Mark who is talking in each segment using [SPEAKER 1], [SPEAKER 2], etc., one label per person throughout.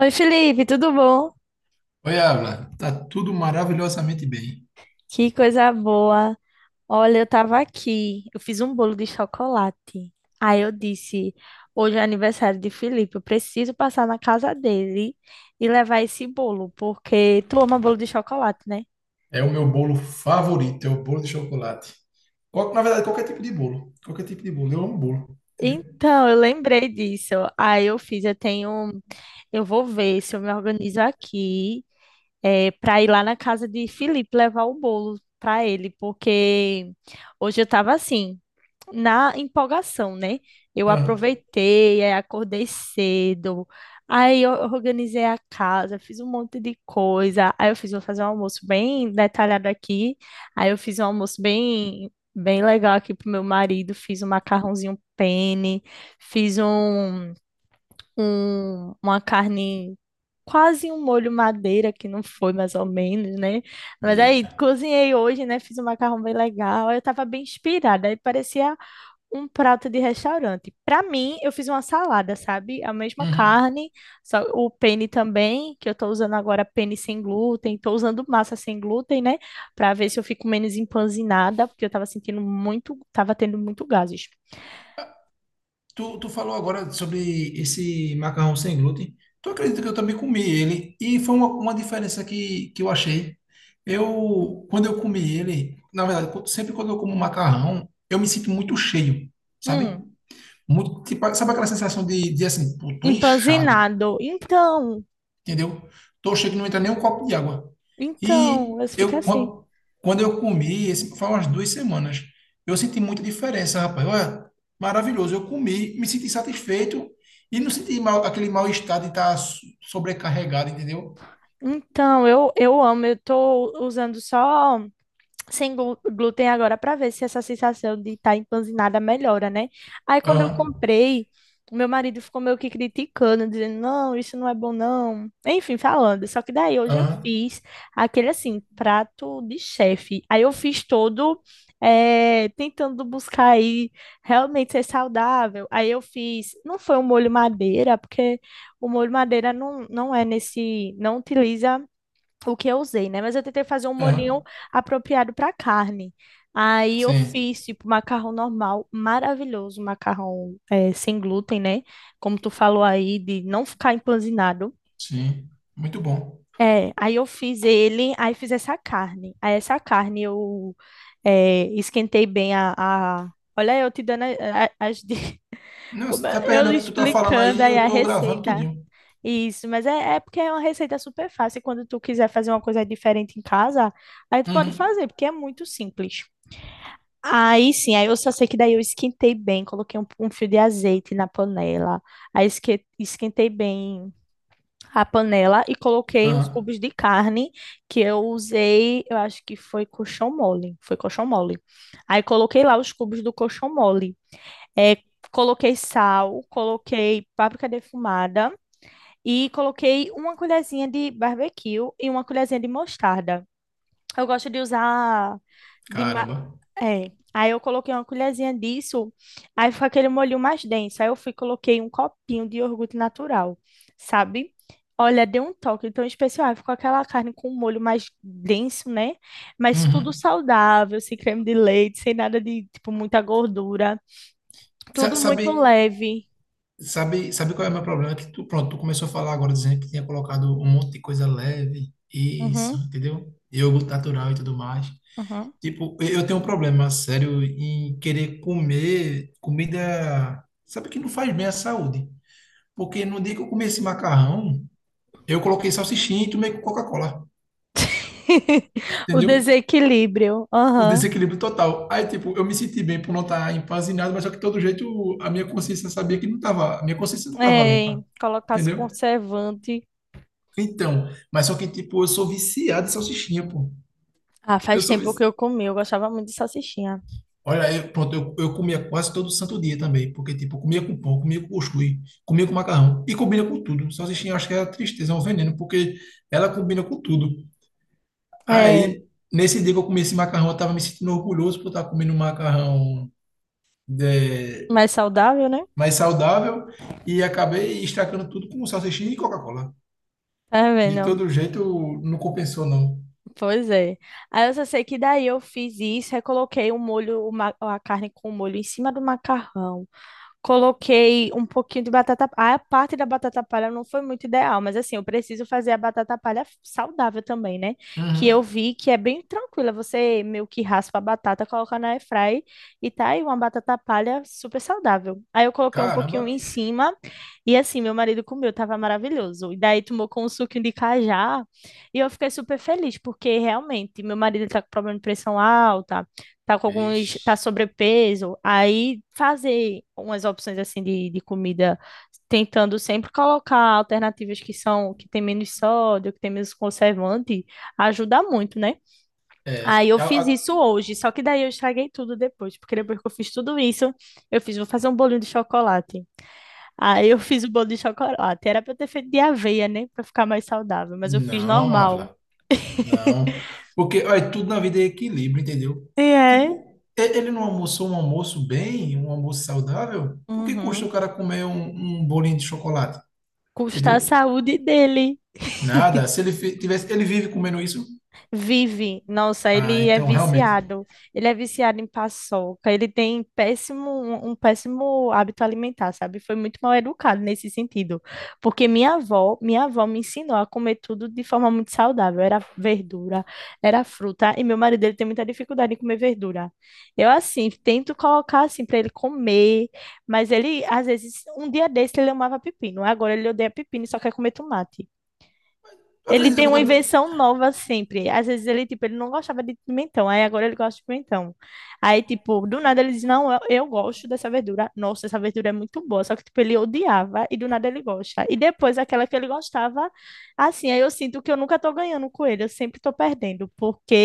[SPEAKER 1] Oi, Felipe, tudo bom?
[SPEAKER 2] Oi, Ávila, tá tudo maravilhosamente bem.
[SPEAKER 1] Que coisa boa. Olha, eu tava aqui, eu fiz um bolo de chocolate. Aí eu disse, hoje é aniversário de Felipe, eu preciso passar na casa dele e levar esse bolo, porque tu ama bolo de chocolate, né?
[SPEAKER 2] É o meu bolo favorito, é o bolo de chocolate. Qual- na verdade, qualquer tipo de bolo. Qualquer tipo de bolo. Eu amo bolo, entendeu?
[SPEAKER 1] Então, eu lembrei disso. Aí eu fiz, eu tenho, eu vou ver se eu me organizo aqui, para ir lá na casa de Felipe levar o bolo para ele, porque hoje eu tava assim, na empolgação, né? Eu
[SPEAKER 2] Aham.
[SPEAKER 1] aproveitei, aí acordei cedo, aí eu organizei a casa, fiz um monte de coisa. Vou fazer um almoço bem detalhado aqui. Aí eu fiz um almoço bem, bem legal aqui pro meu marido, fiz um macarrãozinho penne, fiz uma carne. Quase um molho madeira, que não foi mais ou menos, né? Mas
[SPEAKER 2] Eita.
[SPEAKER 1] aí cozinhei hoje, né? Fiz um macarrão bem legal. Aí eu tava bem inspirada. Aí parecia um prato de restaurante. Para mim, eu fiz uma salada, sabe? A mesma
[SPEAKER 2] Uhum.
[SPEAKER 1] carne, só o penne também, que eu tô usando agora penne sem glúten, tô usando massa sem glúten, né? Para ver se eu fico menos empanzinada, porque eu tava sentindo muito, tava tendo muito gases.
[SPEAKER 2] Tu falou agora sobre esse macarrão sem glúten. Tu acredita que eu também comi ele? E foi uma diferença que eu achei. Eu, quando eu comi ele, na verdade, sempre quando eu como macarrão, eu me sinto muito cheio, sabe?
[SPEAKER 1] Hum,
[SPEAKER 2] Muito, tipo, sabe aquela sensação de assim, pô, tô inchado.
[SPEAKER 1] empanzinado. Então,
[SPEAKER 2] Entendeu? Tochei que não entra nem um copo de água. E
[SPEAKER 1] então, eu fico
[SPEAKER 2] eu,
[SPEAKER 1] assim.
[SPEAKER 2] qu- quando eu comi, esse, faz umas duas semanas, eu senti muita diferença, rapaz. Olha, maravilhoso. Eu comi, me senti satisfeito e não senti mal, aquele mal-estar de estar sobrecarregado, entendeu?
[SPEAKER 1] Então, eu amo, eu tô usando só sem glúten agora para ver se essa sensação de estar empanzinada melhora, né? Aí quando eu
[SPEAKER 2] Aham,
[SPEAKER 1] comprei, o meu marido ficou meio que criticando, dizendo, não, isso não é bom, não. Enfim, falando. Só que daí hoje eu
[SPEAKER 2] aham,
[SPEAKER 1] fiz aquele assim, prato de chefe. Aí eu fiz todo tentando buscar aí realmente ser saudável. Aí eu fiz, não foi um molho madeira, porque o molho madeira não é nesse, não utiliza o que eu usei, né? Mas eu tentei fazer um molhinho
[SPEAKER 2] aham.
[SPEAKER 1] apropriado para carne. Aí eu
[SPEAKER 2] Sim,
[SPEAKER 1] fiz, tipo, macarrão normal, maravilhoso, macarrão sem glúten, né? Como tu falou aí, de não ficar empanzinado.
[SPEAKER 2] sim. Muito bom.
[SPEAKER 1] É, aí eu fiz ele, aí fiz essa carne. Aí essa carne eu esquentei bem. Olha, eu te dando.
[SPEAKER 2] Não,
[SPEAKER 1] Como
[SPEAKER 2] você tá
[SPEAKER 1] é-
[SPEAKER 2] perdendo
[SPEAKER 1] eu
[SPEAKER 2] o que tu tá falando
[SPEAKER 1] explicando
[SPEAKER 2] aí,
[SPEAKER 1] aí
[SPEAKER 2] eu
[SPEAKER 1] a
[SPEAKER 2] tô gravando
[SPEAKER 1] receita.
[SPEAKER 2] tudinho.
[SPEAKER 1] Isso, mas é porque é uma receita super fácil, e quando tu quiser fazer uma coisa diferente em casa, aí tu pode
[SPEAKER 2] Uhum,
[SPEAKER 1] fazer, porque é muito simples. Aí sim, aí eu só sei que daí eu esquentei bem, coloquei um fio de azeite na panela, aí esquentei bem a panela e coloquei os
[SPEAKER 2] aham.
[SPEAKER 1] cubos de carne que eu usei, eu acho que foi colchão mole, foi colchão mole. Aí coloquei lá os cubos do colchão mole. É, coloquei sal, coloquei páprica defumada e coloquei uma colherzinha de barbecue e uma colherzinha de mostarda. Eu gosto de usar de ma-
[SPEAKER 2] Caramba.
[SPEAKER 1] é. Aí eu coloquei uma colherzinha disso, aí ficou aquele molho mais denso. Aí eu fui e coloquei um copinho de iogurte natural, sabe? Olha, deu um toque tão especial. Aí ficou aquela carne com um molho mais denso, né? Mas tudo
[SPEAKER 2] Uhum.
[SPEAKER 1] saudável, sem creme de leite, sem nada de, tipo, muita gordura. Tudo muito
[SPEAKER 2] Sabe,
[SPEAKER 1] leve.
[SPEAKER 2] sabe qual é o meu problema? Que tu, pronto, tu começou a falar agora dizendo que tinha colocado um monte de coisa leve, isso,
[SPEAKER 1] Uhum,
[SPEAKER 2] entendeu? Iogurte natural e tudo mais.
[SPEAKER 1] uhum.
[SPEAKER 2] Tipo, eu tenho um problema sério em querer comer comida, sabe, que não faz bem à saúde. Porque no dia que eu comi esse macarrão, eu coloquei salsichinha e tomei Coca-Cola,
[SPEAKER 1] O
[SPEAKER 2] entendeu?
[SPEAKER 1] desequilíbrio.
[SPEAKER 2] O
[SPEAKER 1] Aham.
[SPEAKER 2] desequilíbrio total. Aí, tipo, eu me senti bem por não estar empanzinado, mas só que de todo jeito a minha consciência sabia que não tava, a minha consciência não tava
[SPEAKER 1] É,
[SPEAKER 2] limpa,
[SPEAKER 1] colocasse
[SPEAKER 2] entendeu?
[SPEAKER 1] conservante.
[SPEAKER 2] Então, mas só que, tipo, eu sou viciado em salsichinha, pô.
[SPEAKER 1] Ah,
[SPEAKER 2] Eu
[SPEAKER 1] faz
[SPEAKER 2] sou
[SPEAKER 1] tempo que
[SPEAKER 2] vici...
[SPEAKER 1] eu comi, eu gostava muito de salsichinha.
[SPEAKER 2] Olha, eu, pronto, eu comia quase todo santo dia também, porque, tipo, eu comia com pão, comia com cuscuz, comia com macarrão e combina com tudo. Salsichinha, eu acho que é a tristeza, é um veneno, porque ela combina com tudo.
[SPEAKER 1] É,
[SPEAKER 2] Aí, nesse dia que eu comi esse macarrão, eu tava me sentindo orgulhoso por estar comendo um macarrão é,
[SPEAKER 1] mais saudável, né?
[SPEAKER 2] mais saudável e acabei estragando tudo com salsichinha e Coca-Cola.
[SPEAKER 1] Tá
[SPEAKER 2] De
[SPEAKER 1] vendo?
[SPEAKER 2] todo jeito, não compensou, não.
[SPEAKER 1] Pois é. Aí eu só sei que daí eu fiz isso, aí coloquei o molho, a carne com o molho em cima do macarrão. Coloquei um pouquinho de batata. Ah, a parte da batata palha não foi muito ideal, mas assim, eu preciso fazer a batata palha saudável também, né? Que eu
[SPEAKER 2] Uhum.
[SPEAKER 1] vi que é bem tranquila. Você meio que raspa a batata, coloca na airfry e tá aí uma batata palha super saudável. Aí eu coloquei um pouquinho
[SPEAKER 2] Caramba.
[SPEAKER 1] em cima e assim, meu marido comeu, tava maravilhoso. E daí tomou com um suquinho de cajá e eu fiquei super feliz, porque realmente meu marido tá com problema de pressão alta, tá com alguns,
[SPEAKER 2] Ixi.
[SPEAKER 1] tá sobrepeso, aí fazer umas opções assim de comida, tentando sempre colocar alternativas que são, que tem menos sódio, que tem menos conservante, ajuda muito, né?
[SPEAKER 2] É,
[SPEAKER 1] Aí eu fiz isso hoje, só que daí eu estraguei tudo depois, porque depois que eu fiz tudo isso, vou fazer um bolinho de chocolate. Aí eu fiz o bolo de chocolate, era pra eu ter feito de aveia, né, pra ficar mais saudável, mas eu fiz
[SPEAKER 2] não,
[SPEAKER 1] normal.
[SPEAKER 2] Ávila, não. Porque olha, tudo na vida é equilíbrio, entendeu?
[SPEAKER 1] E é,
[SPEAKER 2] Tipo, ele não almoçou um almoço bem, um almoço saudável? O que custa
[SPEAKER 1] uhum.
[SPEAKER 2] o cara comer um bolinho de chocolate?
[SPEAKER 1] Custa a
[SPEAKER 2] Entendeu?
[SPEAKER 1] saúde dele.
[SPEAKER 2] Nada. Se ele tivesse, ele vive comendo isso?
[SPEAKER 1] Vive, nossa,
[SPEAKER 2] Ah,
[SPEAKER 1] ele é
[SPEAKER 2] então realmente.
[SPEAKER 1] viciado. Ele é viciado em paçoca. Ele tem péssimo, um péssimo hábito alimentar, sabe? Foi muito mal educado nesse sentido. Porque minha avó me ensinou a comer tudo de forma muito saudável. Era verdura, era fruta. E meu marido, ele tem muita dificuldade em comer verdura. Eu, assim, tento colocar, assim, para ele comer. Mas ele, às vezes, um dia desse ele amava pepino. Agora ele odeia pepino e só quer comer tomate.
[SPEAKER 2] Eu
[SPEAKER 1] Ele
[SPEAKER 2] acredito
[SPEAKER 1] tem
[SPEAKER 2] que eu
[SPEAKER 1] uma
[SPEAKER 2] tô...
[SPEAKER 1] invenção nova sempre. Às vezes ele, tipo, ele não gostava de pimentão, aí agora ele gosta de pimentão. Aí, tipo, do nada ele diz, não, eu gosto dessa verdura. Nossa, essa verdura é muito boa. Só que, tipo, ele odiava e do nada ele gosta. E depois aquela que ele gostava, assim, aí eu sinto que eu nunca tô ganhando com ele, eu sempre tô perdendo,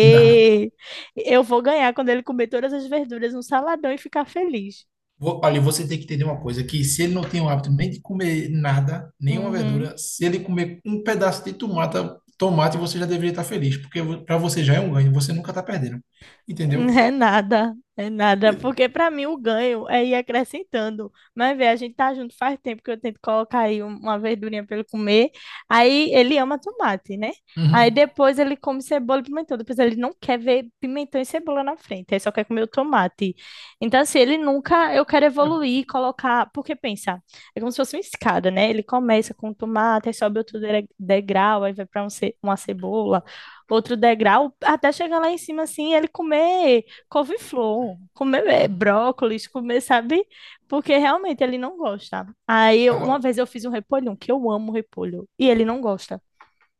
[SPEAKER 2] Não.
[SPEAKER 1] eu vou ganhar quando ele comer todas as verduras no saladão e ficar feliz.
[SPEAKER 2] Olha, você tem que entender uma coisa, que se ele não tem o hábito nem de comer nada, nenhuma
[SPEAKER 1] Uhum.
[SPEAKER 2] verdura, se ele comer um pedaço de tomate, tomate você já deveria estar feliz, porque para você já é um ganho, você nunca está perdendo. Entendeu?
[SPEAKER 1] É nada, porque para mim o ganho é ir acrescentando. Mas vê, a gente tá junto faz tempo que eu tento colocar aí uma verdurinha para ele comer. Aí ele ama tomate, né? Aí
[SPEAKER 2] Uhum.
[SPEAKER 1] depois ele come cebola e pimentão, depois ele não quer ver pimentão e cebola na frente, ele só quer comer o tomate. Então assim, ele nunca, eu quero
[SPEAKER 2] É,
[SPEAKER 1] evoluir, colocar, porque pensa, é como se fosse uma escada, né? Ele começa com o tomate, aí sobe outro degrau, aí vai para uma cebola, outro degrau, até chegar lá em cima, assim, ele comer couve-flor, comer brócolis, comer, sabe? Porque realmente ele não gosta. Aí,
[SPEAKER 2] agora,
[SPEAKER 1] uma vez eu fiz um repolho, um que eu amo repolho, e ele não gosta.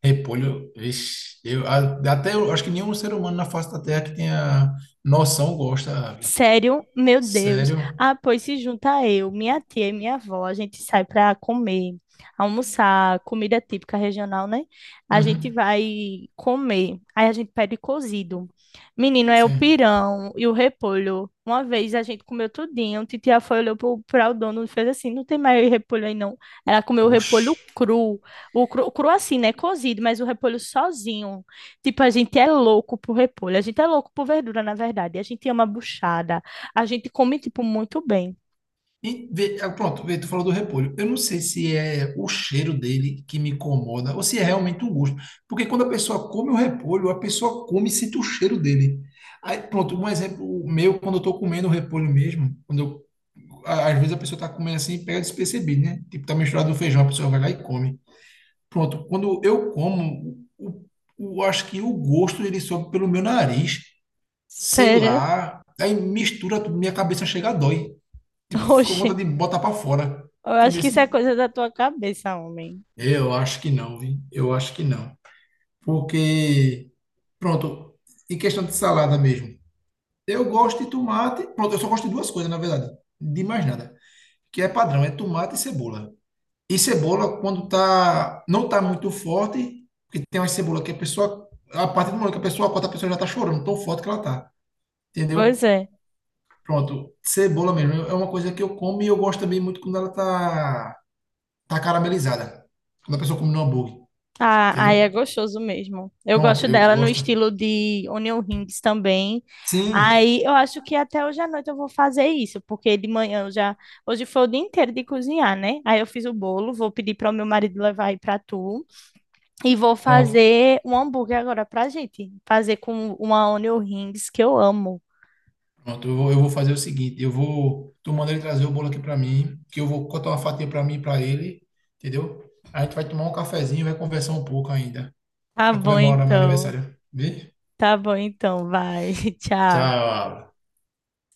[SPEAKER 2] repolho, vixe, eu, até eu acho que nenhum ser humano na face da Terra que tenha noção gosta, Ávila.
[SPEAKER 1] Sério? Meu Deus.
[SPEAKER 2] Sério?
[SPEAKER 1] Ah, pois se junta eu, minha tia e minha avó, a gente sai para comer, almoçar, comida típica regional, né? A gente
[SPEAKER 2] Uhum,
[SPEAKER 1] vai comer. Aí a gente pede cozido. Menino, é o
[SPEAKER 2] sim.
[SPEAKER 1] pirão e o repolho. Uma vez a gente comeu tudinho, titia foi, olhou para o dono e fez assim, não tem mais repolho aí não. Ela comeu o repolho
[SPEAKER 2] Oxe.
[SPEAKER 1] cru, o cru, cru assim, né? Cozido, mas o repolho sozinho. Tipo, a gente é louco por repolho, a gente é louco por verdura, na verdade. A gente ama buchada, a gente come, tipo, muito bem.
[SPEAKER 2] Ah, pronto, vê, tu falou do repolho. Eu não sei se é o cheiro dele que me incomoda ou se é realmente o gosto. Porque quando a pessoa come o repolho, a pessoa come e sente o cheiro dele. Aí, pronto, um exemplo meu, quando eu tô comendo o repolho mesmo, quando eu, às vezes a pessoa tá comendo assim e pega despercebido, né? Tipo, tá misturado no feijão, a pessoa vai lá e come. Pronto, quando eu como, o, acho que o gosto ele sobe pelo meu nariz, sei
[SPEAKER 1] Sério?
[SPEAKER 2] lá, aí mistura tudo, minha cabeça chega a dói. Tipo, ficou com
[SPEAKER 1] Oxe,
[SPEAKER 2] vontade de botar pra fora.
[SPEAKER 1] eu acho
[SPEAKER 2] Entendeu?
[SPEAKER 1] que isso é
[SPEAKER 2] Assim?
[SPEAKER 1] coisa da tua cabeça, homem.
[SPEAKER 2] Eu acho que não, vi. Eu acho que não. Porque, pronto, em questão de salada mesmo, eu gosto de tomate. Pronto, eu só gosto de duas coisas, na verdade. De mais nada. Que é padrão, é tomate e cebola. E cebola, quando tá, não tá muito forte, porque tem uma cebola que a pessoa, a partir do momento que a pessoa corta, a pessoa já tá chorando, tão forte que ela tá.
[SPEAKER 1] Pois
[SPEAKER 2] Entendeu?
[SPEAKER 1] é.
[SPEAKER 2] Pronto, cebola mesmo. É uma coisa que eu como e eu gosto também muito quando ela tá caramelizada. Quando a pessoa come no hambúrguer,
[SPEAKER 1] Ah,
[SPEAKER 2] entendeu?
[SPEAKER 1] aí é gostoso mesmo. Eu gosto
[SPEAKER 2] Pronto, eu
[SPEAKER 1] dela no
[SPEAKER 2] gosto.
[SPEAKER 1] estilo de onion rings também.
[SPEAKER 2] Sim,
[SPEAKER 1] Aí eu acho que até hoje à noite eu vou fazer isso, porque de manhã eu já. Hoje foi o dia inteiro de cozinhar, né? Aí eu fiz o bolo, vou pedir para o meu marido levar aí para tu. E vou
[SPEAKER 2] pronto,
[SPEAKER 1] fazer um hambúrguer agora pra gente. Fazer com uma onion rings que eu amo.
[SPEAKER 2] pronto. Eu vou fazer o seguinte, eu vou, tô mandando ele trazer o bolo aqui para mim, que eu vou cortar uma fatia para mim e para ele, entendeu? A gente vai tomar um cafezinho, e vai conversar um pouco ainda,
[SPEAKER 1] Tá
[SPEAKER 2] para
[SPEAKER 1] bom
[SPEAKER 2] comemorar meu
[SPEAKER 1] então.
[SPEAKER 2] aniversário. Vê?
[SPEAKER 1] Tá bom então, vai. Tchau.
[SPEAKER 2] Tchau.